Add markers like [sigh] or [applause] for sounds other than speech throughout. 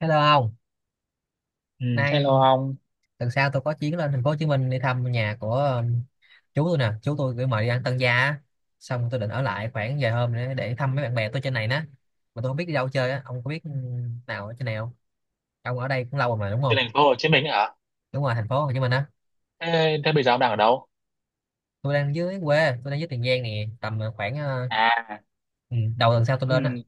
Hello ông, Ừ, hello nay ông. tuần sau tôi có chuyến lên thành phố Hồ Chí Minh đi thăm nhà của chú tôi nè, chú tôi gửi mời đi ăn tân gia á. Xong tôi định ở lại khoảng vài hôm nữa để thăm mấy bạn bè tôi trên này nè. Mà tôi không biết đi đâu chơi á, ông có biết nào ở trên này không? Ông ở đây cũng lâu rồi mà đúng Trên không? thành phố Hồ Chí Minh hả? Đúng rồi, thành phố Hồ Chí Minh á. Thế bây giờ ông đang ở đâu? Tôi đang dưới quê, tôi đang dưới Tiền Giang nè, tầm khoảng À, ừ, đầu tuần sau tôi lên á. ừ,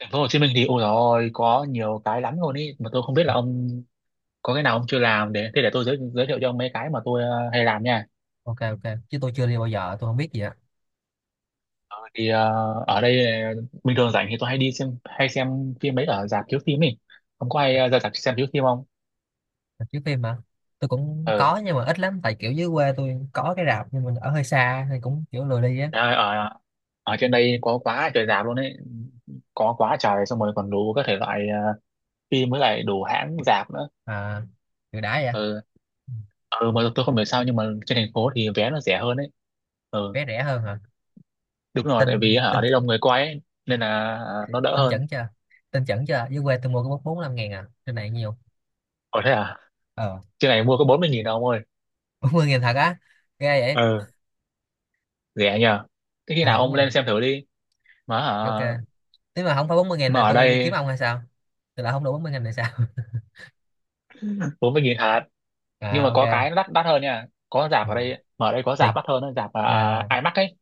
thành phố Hồ Chí Minh thì ôi rồi có nhiều cái lắm luôn ý, mà tôi không biết là ông có cái nào ông chưa làm để tôi giới thiệu cho ông mấy cái mà tôi hay làm nha. Ok ok, chứ tôi chưa đi bao giờ, tôi không biết gì á. Thì ở đây bình thường rảnh thì tôi hay đi xem hay xem phim mấy ở rạp chiếu phim ấy. Ông có hay ra rạp xem chiếu phim không? Chiếu phim mà. Tôi cũng Ừ. có nhưng mà ít lắm tại kiểu dưới quê tôi có cái rạp nhưng mình ở hơi xa thì cũng kiểu lười đi á. Trời ơi, ở ở trên đây có quá trời rạp luôn ấy. Có quá trời xong rồi còn đủ các thể loại phim với lại đủ hãng rạp nữa. À, từ đã vậy. Ừ, ừ mà tôi không hiểu sao nhưng mà trên thành phố thì vé nó rẻ hơn ấy. Ừ, Vé rẻ hơn hả? đúng rồi, tin tại vì hả, ở tin đây đông người quay ấy, nên là nó đỡ tin hơn. chuẩn chưa? Tin chuẩn chưa, dưới quê tôi mua có bốn bốn năm ngàn à, trên này nhiều Ở thế à, ờ. trên này mua có 40 nghìn đâu ông ơi. [laughs] 40 ngàn thật á? Ghê vậy. Ừ, rẻ nhờ. Thế khi Ờ nào đúng ông rồi. lên xem thử đi, mà hả, Ok, nếu mà không phải 40 ngàn mà là ở tôi đi đây kiếm ông hay sao. Tôi lại không đủ 40 ngàn này sao? 40 nghìn hạt, nhưng mà [laughs] À có cái ok. nó đắt đắt hơn nha, có rạp Ừ. ở đây, mà ở đây có Tùy rạp đắt hơn đó, rạp à, là IMAX ấy.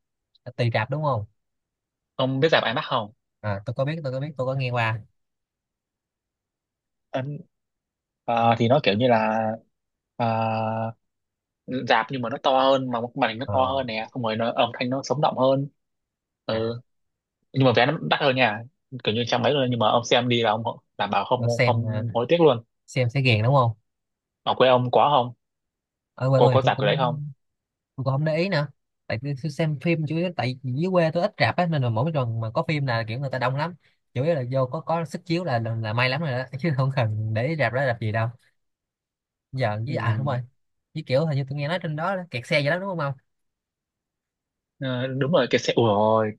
tùy rạp đúng không. Ông biết rạp IMAX không? À tôi có biết, tôi có biết, tôi có nghe qua. Ấn- À, thì nó kiểu như là à, rạp nhưng mà nó to hơn, mà màn hình nó to Ờ. hơn nè, xong rồi nó, âm thanh nó sống động hơn. À, Ừ, nhưng mà vé nó đắt hơn nha, kiểu như trăm mấy luôn, nhưng mà ông xem đi là ông đảm bảo không tôi xem không hối tiếc luôn. xem sẽ ghiền đúng không. Ở quê ông có không? Ở quê Có, tôi thì có tôi giảm cái đấy cũng, không? tôi cũng không để ý nữa. Tại tôi xem phim chủ yếu tại dưới quê tôi ít rạp á nên là mỗi lần mà có phim là kiểu người ta đông lắm. Chủ yếu là vô có sức chiếu là may lắm rồi đó. [laughs] Chứ không cần để ý rạp đó rạp gì đâu giờ Ừ. với à đúng rồi. Với kiểu hình như tôi nghe nói trên đó kẹt xe vậy đó đúng không không. Ờ, đúng rồi, cái xe ủa ôi,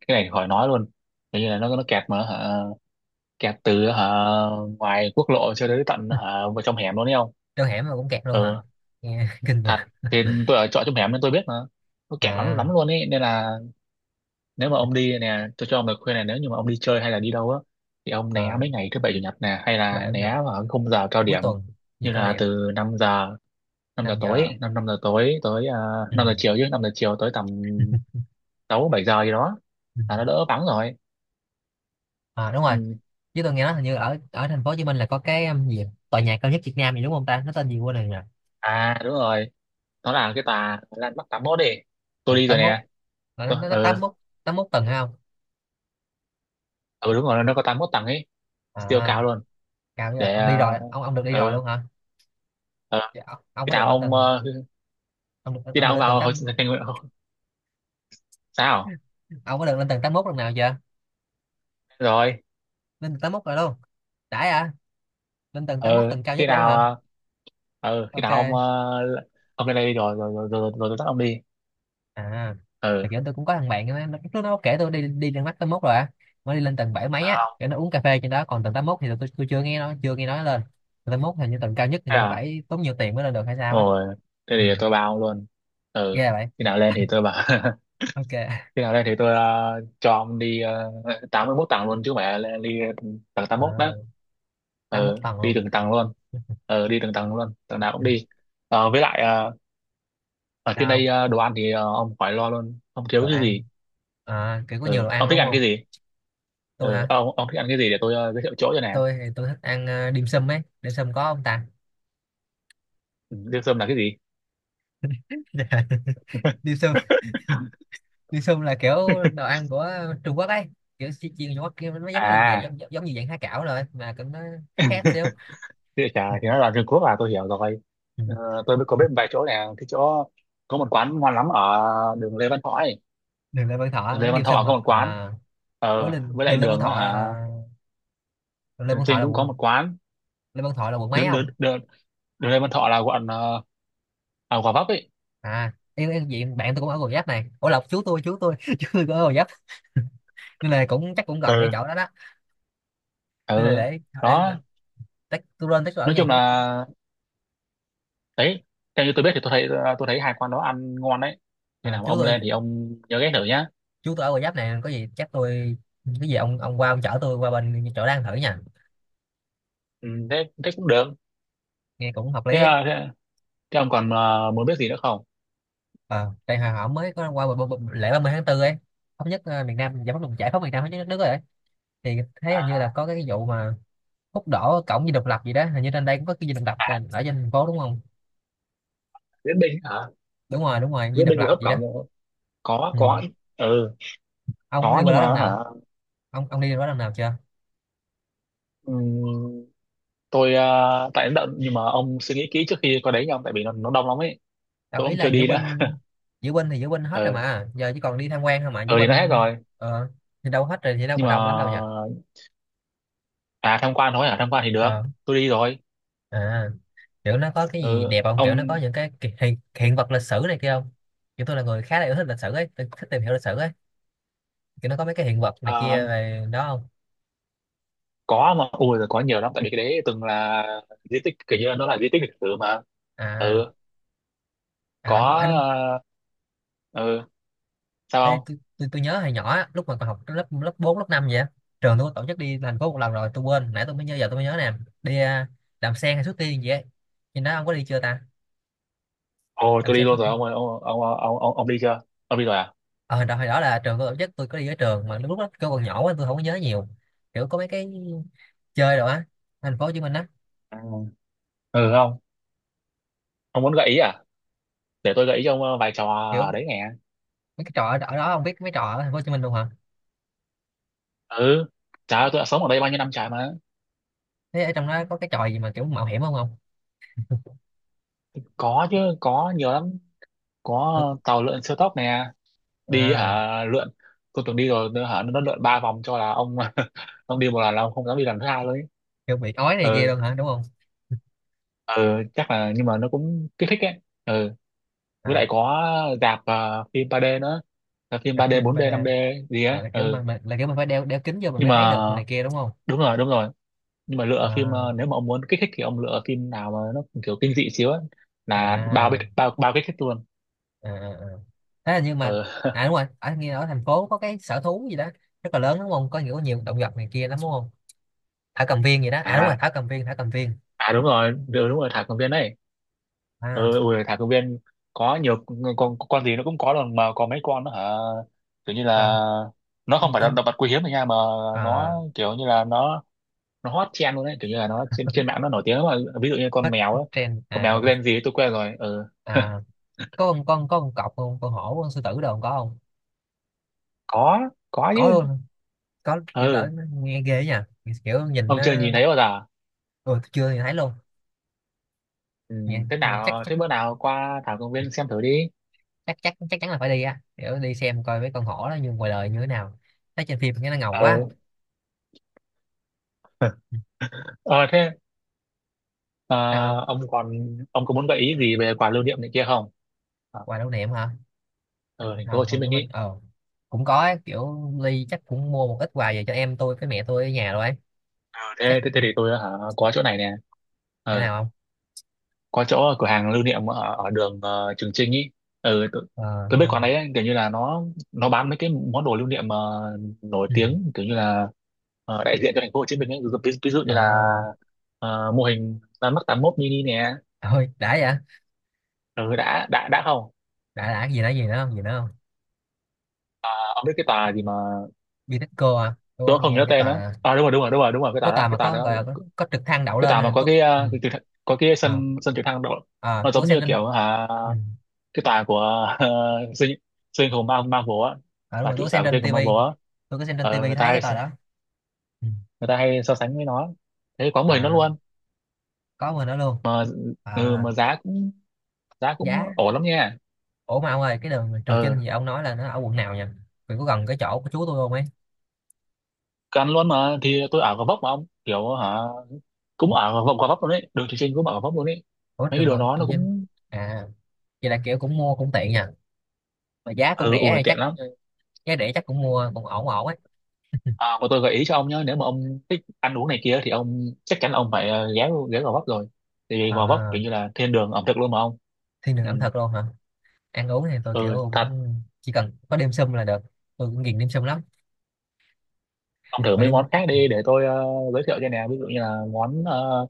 cái này khỏi nói luôn. Kiểu như là nó kẹt mà hả, kẹt từ hả ngoài quốc lộ cho đến tận hả vào trong hẻm luôn đấy không. Trong [laughs] hẻm mà cũng kẹt luôn hả? Ừ Nghe [laughs] kinh nhờ. thật, thì tôi ở trọ trong hẻm nên tôi biết mà, nó kẹt lắm À, lắm luôn ấy, nên là nếu mà ông đi nè, tôi cho ông lời khuyên này, nếu như mà ông đi chơi hay là đi đâu á thì ông né à, mấy ngày thứ bảy chủ nhật nè, hay vậy là ở Nhật né vào cái khung giờ cao cuối điểm, tuần giờ như cao là điểm từ năm giờ, năm giờ 5 giờ. tối, 5 5 giờ tối tới Ừ. 5 giờ chiều, chứ 5 giờ chiều tới tầm 6 7 giờ gì đó Ừ. là nó đỡ vắng rồi. À đúng rồi. Ừ. Chứ tôi nghe nói hình như ở ở thành phố Hồ Chí Minh là có cái gì tòa nhà cao nhất Việt Nam gì đúng không ta, nó tên gì quên rồi nhỉ. À đúng rồi, nó là cái tà Lan Bắc tám mốt đi, tôi đi rồi 81. nè. Là nó Tôi, nó nó tám mốt 81 tầng hay không? ừ, đúng rồi, nó có tám mốt tầng ấy, siêu À, cao luôn. cao chứ. Là Để ông đi ờ rồi, ông được đi rồi ờ luôn hả? ờ, Dạ, ông khi có được nào lên ông tầng, khi ông nào được ông lên tầng vào hồi tám sinh thành sao ông có được lên tầng 81 lần nào chưa? rồi Lên tầng tám mốt rồi luôn? Đãi à. Lên tầng tám mốt ờ tầng cao khi nhất luôn nào hả? Khi nào ông Ok. Ông lên đây đi, rồi rồi rồi rồi, rồi, tôi dắt ông đi. À Ờ thì được kiểu tôi cũng có thằng bạn á nó- lúc nó kể tôi đi đi lên mắt 81 rồi á. Mới đi lên tầng 7 mấy á, không? kiểu nó uống cà phê trên đó, còn tầng 81 thì tôi chưa nghe, nó chưa nghe nói lên tầng 81. Hình như tầng cao nhất thì Thế như à? phải tốn nhiều tiền mới lên được hay sao á. Rồi thế Ừ. thì tôi bảo ông luôn, ờ Ghê vậy. khi nào lên thì tôi bảo [laughs] Ok. khi nào lên thì tôi cho ông đi. Tám mươi mốt tầng luôn chứ mẹ, lên đi, tầng tám mốt đó. À, tám mốt Ờ tầng đi luôn. từng tầng luôn, ờ đi từng tầng luôn, tầng nào cũng Ừ. đi. ờ với lại ờ, ở trên Sao đây không? Đồ ăn thì ông khỏi lo luôn, không thiếu Đồ cái ăn. gì. À, kiểu có nhiều Ờ đồ ông ăn thích đúng ăn không. cái gì? Tôi ờ hả? ông ông thích ăn cái gì để tôi giới thiệu chỗ cho nè. Tôi thì tôi thích ăn dim sum ấy, dim sum có không ta? Liêu Sâm là cái gì? [laughs] Dạ. Dim [laughs] sum. [laughs] Dim sum là kiểu đồ ăn của Trung Quốc ấy, kiểu chiên Trung Quốc kia, nó giống như kiểu, À, giống, giống như dạng há cảo rồi mà cũng nó khác khác xíu. địa trà Ừ. thì nó là Trung Quốc à, tôi hiểu rồi. Ừ. Ờ, tôi mới có biết một vài chỗ này, cái chỗ có một quán ngon lắm ở đường Lê Văn Thọ ấy. Đường Lê Văn Thọ Đường Lê cái Văn dim Thọ sum có à, một quán. à đối Ờ, đường, với lại đường Lê Văn đường đó Thọ hả? là, đường Lê Đường Văn Thọ Chinh là cũng có quận, một quán. Lê Văn Thọ là quận mấy Đường, đường, không? đường, đường Lê Văn Thọ là quận Gò Vấp ấy. À em diện bạn tôi cũng ở Gò Vấp này, ủa lộc chú tôi, chú tôi [laughs] chú tôi cũng ở Gò Vấp nên là cũng chắc cũng gần cái Ừ. chỗ đó đó. Nên là Ừ. để, để Đó, tách tôi lên tách tôi ở nói nhà chung chú tôi á. là đấy, theo như tôi biết thì tôi thấy tôi thấy hai quán đó ăn ngon đấy. Khi À, nào mà chú ông tôi, lên thì ông nhớ ghé thử nhá. chú tôi ở Gò Vấp này có gì chắc tôi, cái gì ông qua ông chở tôi qua bên chỗ đang thử nha. Ừ, thế thế cũng được. Nghe cũng hợp Thế, lý ấy. ờ, thế Thế ông còn muốn biết gì nữa không? À, tại hồi họ mới có qua lễ 30 tháng 4 ấy, thống nhất miền Nam giải phóng giải phóng miền Nam thống nhất đất nước rồi ấy. Thì thấy hình như là có cái vụ mà hút đỏ cổng Dinh Độc Lập gì đó, hình như trên đây cũng có cái Dinh Độc Lập trên- ở trên thành phố đúng không? Viễn binh hả? Đúng rồi đúng rồi, Dinh Viễn Độc binh Lập là hấp gì đó. cổng không? Có, Ừ. có. Ừ, Ông có đi có qua nhưng đó lần mà hả? nào? Ông đi qua đó lần nào chưa? ừm, tôi tại nó đậm, nhưng mà ông suy nghĩ kỹ trước khi có đấy nha ông, tại vì nó đông lắm ấy. Đâu Tôi ý cũng chưa là diễu đi nữa. binh. Diễu binh thì diễu binh hết rồi Ừ. mà giờ chỉ còn đi tham quan thôi mà diễu Ừ thì nó hết binh. rồi. Ờ thì đâu hết rồi thì đâu Nhưng còn mà đông lắm đâu nhỉ. à tham quan thôi, à tham quan thì được. Ờ. Tôi đi rồi. À kiểu nó có cái gì Ừ, đẹp không, kiểu nó có ông những cái hiện, hiện vật lịch sử này kia không. Kiểu tôi là người khá là yêu thích lịch sử ấy, tôi thích tìm hiểu lịch sử ấy. Kiểu nó có mấy cái hiện vật này ờ, kia về đó không? có mà ui rồi, có nhiều lắm, tại vì cái đấy từng là di tích, kiểu như nó là di tích lịch sử mà. À Ừ, có à đúng à đúng. ờ, ừ, sao Ê, không? tôi nhớ hồi nhỏ á, lúc mà còn học lớp lớp 4 lớp 5 vậy á, trường tôi có tổ chức đi thành phố một lần rồi tôi quên, nãy tôi mới nhớ giờ tôi mới nhớ nè. Đi làm sen hay xuất tiên gì ấy, nhưng đó ông có đi chưa ta? Ồ, Làm tôi đi sen luôn xuất rồi tiên. ông ơi, ông đi chưa? Ông đi rồi à? Ờ đợt hồi đó là trường tôi tổ chức, tôi có đi với trường mà lúc đó tôi còn nhỏ quá tôi không có nhớ nhiều, kiểu có mấy cái chơi rồi á, thành phố Hồ Chí Minh á. À, ừ không, ông muốn gợi ý à? Để tôi gợi ý cho ông vài trò ở Kiểu đấy nghe. mấy cái trò ở ở đó, không biết mấy trò ở thành phố Hồ Chí Minh luôn hả? Ừ trời ơi, tôi đã sống ở đây bao nhiêu năm trời mà. Thế ở trong đó có cái trò gì mà kiểu mạo hiểm không không? Có chứ, có nhiều lắm. Có Tôi-, tàu lượn siêu tốc nè, đi à, hả lượn. Tôi từng đi rồi, nó hả nó lượn ba vòng cho là ông [laughs] ông đi một lần là ông không dám đi lần thứ hai luôn ấy. kiểu bị ói này kia Ừ, luôn hả đúng không? ừ, chắc là, nhưng mà nó cũng kích thích ấy. Ừ, À, với lại có rạp phim 3D nữa. Là phim gặp 3D, phim 4D, ba d. 5D gì ấy. À, là kiểu Ừ, mà là kiểu mình phải đeo đeo kính vô mình nhưng mới thấy mà được này kia đúng không? đúng rồi đúng rồi, nhưng mà lựa phim À. nếu mà ông muốn kích thích thì ông lựa phim nào mà nó kiểu kinh dị xíu á là bao À. bích- bao bao kích thích luôn. À, à. À. Thế là nhưng mà Ờ [laughs] à đúng rồi, ở nghe ở thành phố có cái sở thú gì đó rất là lớn đúng không, có nhiều nhiều động vật này kia lắm đúng không? Thảo cầm viên gì đó, à đúng rồi à thảo cầm viên thảo cầm viên. à đúng rồi đúng, đúng rồi, thả công viên đấy. À Ui, thả công viên có nhiều con gì nó cũng có luôn mà, có mấy con nó hả, kiểu như là con nó không con phải là động con. vật quý hiếm rồi nha, mà À, nó kiểu như là nó hot trend luôn đấy, kiểu như là nó trên trên mạng nó nổi tiếng lắm mà, ví dụ như con hết mèo á, trend con à mèo con? tên gì ấy, tôi quên rồi ừ [laughs] À có con có con cọp không, con hổ con sư tử đâu có không? có có Có luôn chứ. hả? Có, kiểu lỡ Ừ nó nghe ghê ấy nha, kiểu nhìn ông nó. chưa nhìn thấy bao giờ. Ừ, chưa thì thấy luôn. Ừ. Nhìn, Thế nhìn chắc nào, chắc thế bữa nào qua thảo công viên xem thử đi. chắc chắc chắc chắn là phải đi á, kiểu đi xem coi mấy con hổ đó như ngoài đời như thế nào, thấy trên phim nghe nó ngầu quá. ờ Ừ, ờ thế ờ, sao không? ông còn, ông có muốn gợi ý gì về quà lưu niệm này kia không, ở Quà lưu niệm hả? ờ, ở Thành thành phố hồi Hồ Chí hồi với Minh mình ý? Cũng có ấy, kiểu Ly chắc cũng mua một ít quà về cho em tôi với mẹ tôi ở nhà rồi ấy. Ờ, Chắc. thế, thế thì tôi hả, có chỗ này nè, Chỗ ờ, nào không? có chỗ ở cửa hàng lưu niệm ở, ở đường Trường Chinh ý. ừ, tôi, Ờ, tôi biết quán đấy ấy, kiểu như là nó bán mấy cái món đồ lưu niệm nổi ừ. tiếng, kiểu như là đại diện cho thành phố Hồ Chí Minh ấy. Ví dụ như Ờ, là mô hình ra mắt tám mốt mini nè. thôi đã vậy đã. Ừ, đã không, Đã cái gì nữa, gì nữa không, gì nữa không? ông biết cái tà gì mà Bitexco à, tôi có tôi không nghe nhớ cái tên đó? tòa, À, đúng rồi, cái tà có đó, tòa cái mà tà có đó, gọi là có trực thăng đậu cái lên tà mà à có tôi. cái Ừ. à, cái có cái Ờ, sân sân trực thăng đội. ờ, Nó tôi có giống xem như trên. kiểu hả, Ừ. cái tà của siêu siêu anh [laughs] hùng Marvel á, À, đúng và rồi tôi trụ có sở xem của siêu trên anh hùng tivi, Marvel á. tôi có xem trên Ờ, tivi thấy cái tòa đó. Ừ. người ta hay so sánh với nó thế, quá mười nó À luôn có người đó luôn. mà. Ừ, À mà giá cũng, giá cũng giá. ổn lắm nha. Ủa mà ông ơi, cái đường Trường Chinh Ờ gì ông nói là nó ở quận nào nhỉ? Vì có gần cái chỗ của chú tôi không ấy. cứ ăn luôn mà, thì tôi ở Gò Vấp mà ông, kiểu hả, cũng ở Gò Vấp, Gò Vấp luôn đấy, đường Trường Chinh cũng ở Gò Vấp luôn đấy, Ủa mấy cái Trường đồ Ngộ đó Trường nó Chinh. cũng. À vậy là kiểu cũng mua cũng tiện nhỉ. Mà giá cũng Ừ, rẻ ủa hay tiện chắc lắm. giá rẻ chắc cũng mua cũng ổn ổn ấy. À, mà tôi gợi ý cho ông nhé, nếu mà ông thích ăn uống này kia thì ông chắc chắn ông phải ghé ghé Gò Vấp rồi, tại vì Gò Vấp À, kiểu như là thiên đường ẩm thực luôn mà ông. thiên đường Ừ. ẩm thực luôn hả? Ăn uống thì tôi kiểu Ừ thật, cũng chỉ cần có đêm sum là được, tôi cũng ghiền đêm sum lắm. ông thử Mà mấy đêm, món khác đi, để tôi giới thiệu cho nè, ví dụ như là món ờ,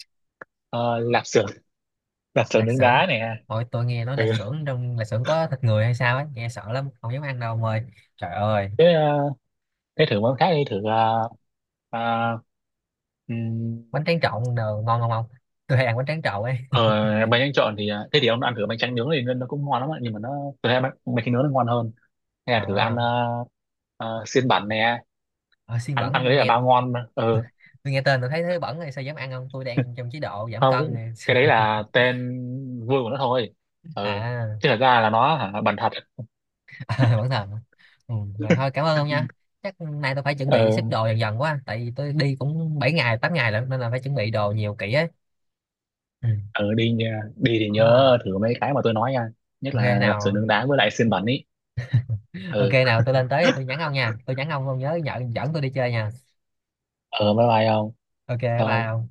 ờ, lạp xưởng [laughs] lạp xưởng lạc nướng xưởng. đá nè. Hồi tôi nghe nói Ừ. lạc xưởng, trong lạc xưởng có thịt người hay sao ấy, nghe sợ lắm không dám ăn đâu ông ơi. Trời ơi. Thế, thế thử món khác đi, thử à, ừm, Bánh tráng trộn đồ ngon không ông, tôi hay ăn bánh tráng trộn ấy. ở, bánh tráng trộn thì à, thế thì ông ăn thử bánh tráng nướng thì nó cũng ngon lắm ạ, nhưng mà nó, tôi thấy bánh, bánh tráng nướng nó ngon hơn. Hay là thử ăn À, xiên bản nè, ở xiên ăn bẩn ăn cái tôi đấy là nghe, bao ngon mà. Ừ, tôi nghe tên tôi thấy thấy bẩn rồi sao dám ăn, không tôi đang trong chế độ giảm không, cái, cân này. cái đấy là tên vui của nó thôi. [laughs] Ừ, À. chứ thật ra là nó hả bẩn thật. [laughs] Ờ, vẫn thầm. Ừ, vậy thôi cảm ơn ông nha. Chắc nay tôi phải chuẩn bị xếp Ừ. đồ dần dần quá, tại vì tôi đi cũng 7 ngày 8 ngày lận nên là phải chuẩn bị đồ nhiều kỹ ấy. Ừ, Ừ đi nha- đi thì đúng rồi. nhớ thử mấy cái mà tôi nói nha, nhất Ok là lạp xưởng nào. nướng đá với lại xiên bẩn ý. Ok Ừ. nào, tôi lên tới thì tôi nhắn ông nha, tôi nhắn ông nhớ nhờ, dẫn tôi đi chơi nha. Ờ bye bye không, Ok, bye thôi. ông.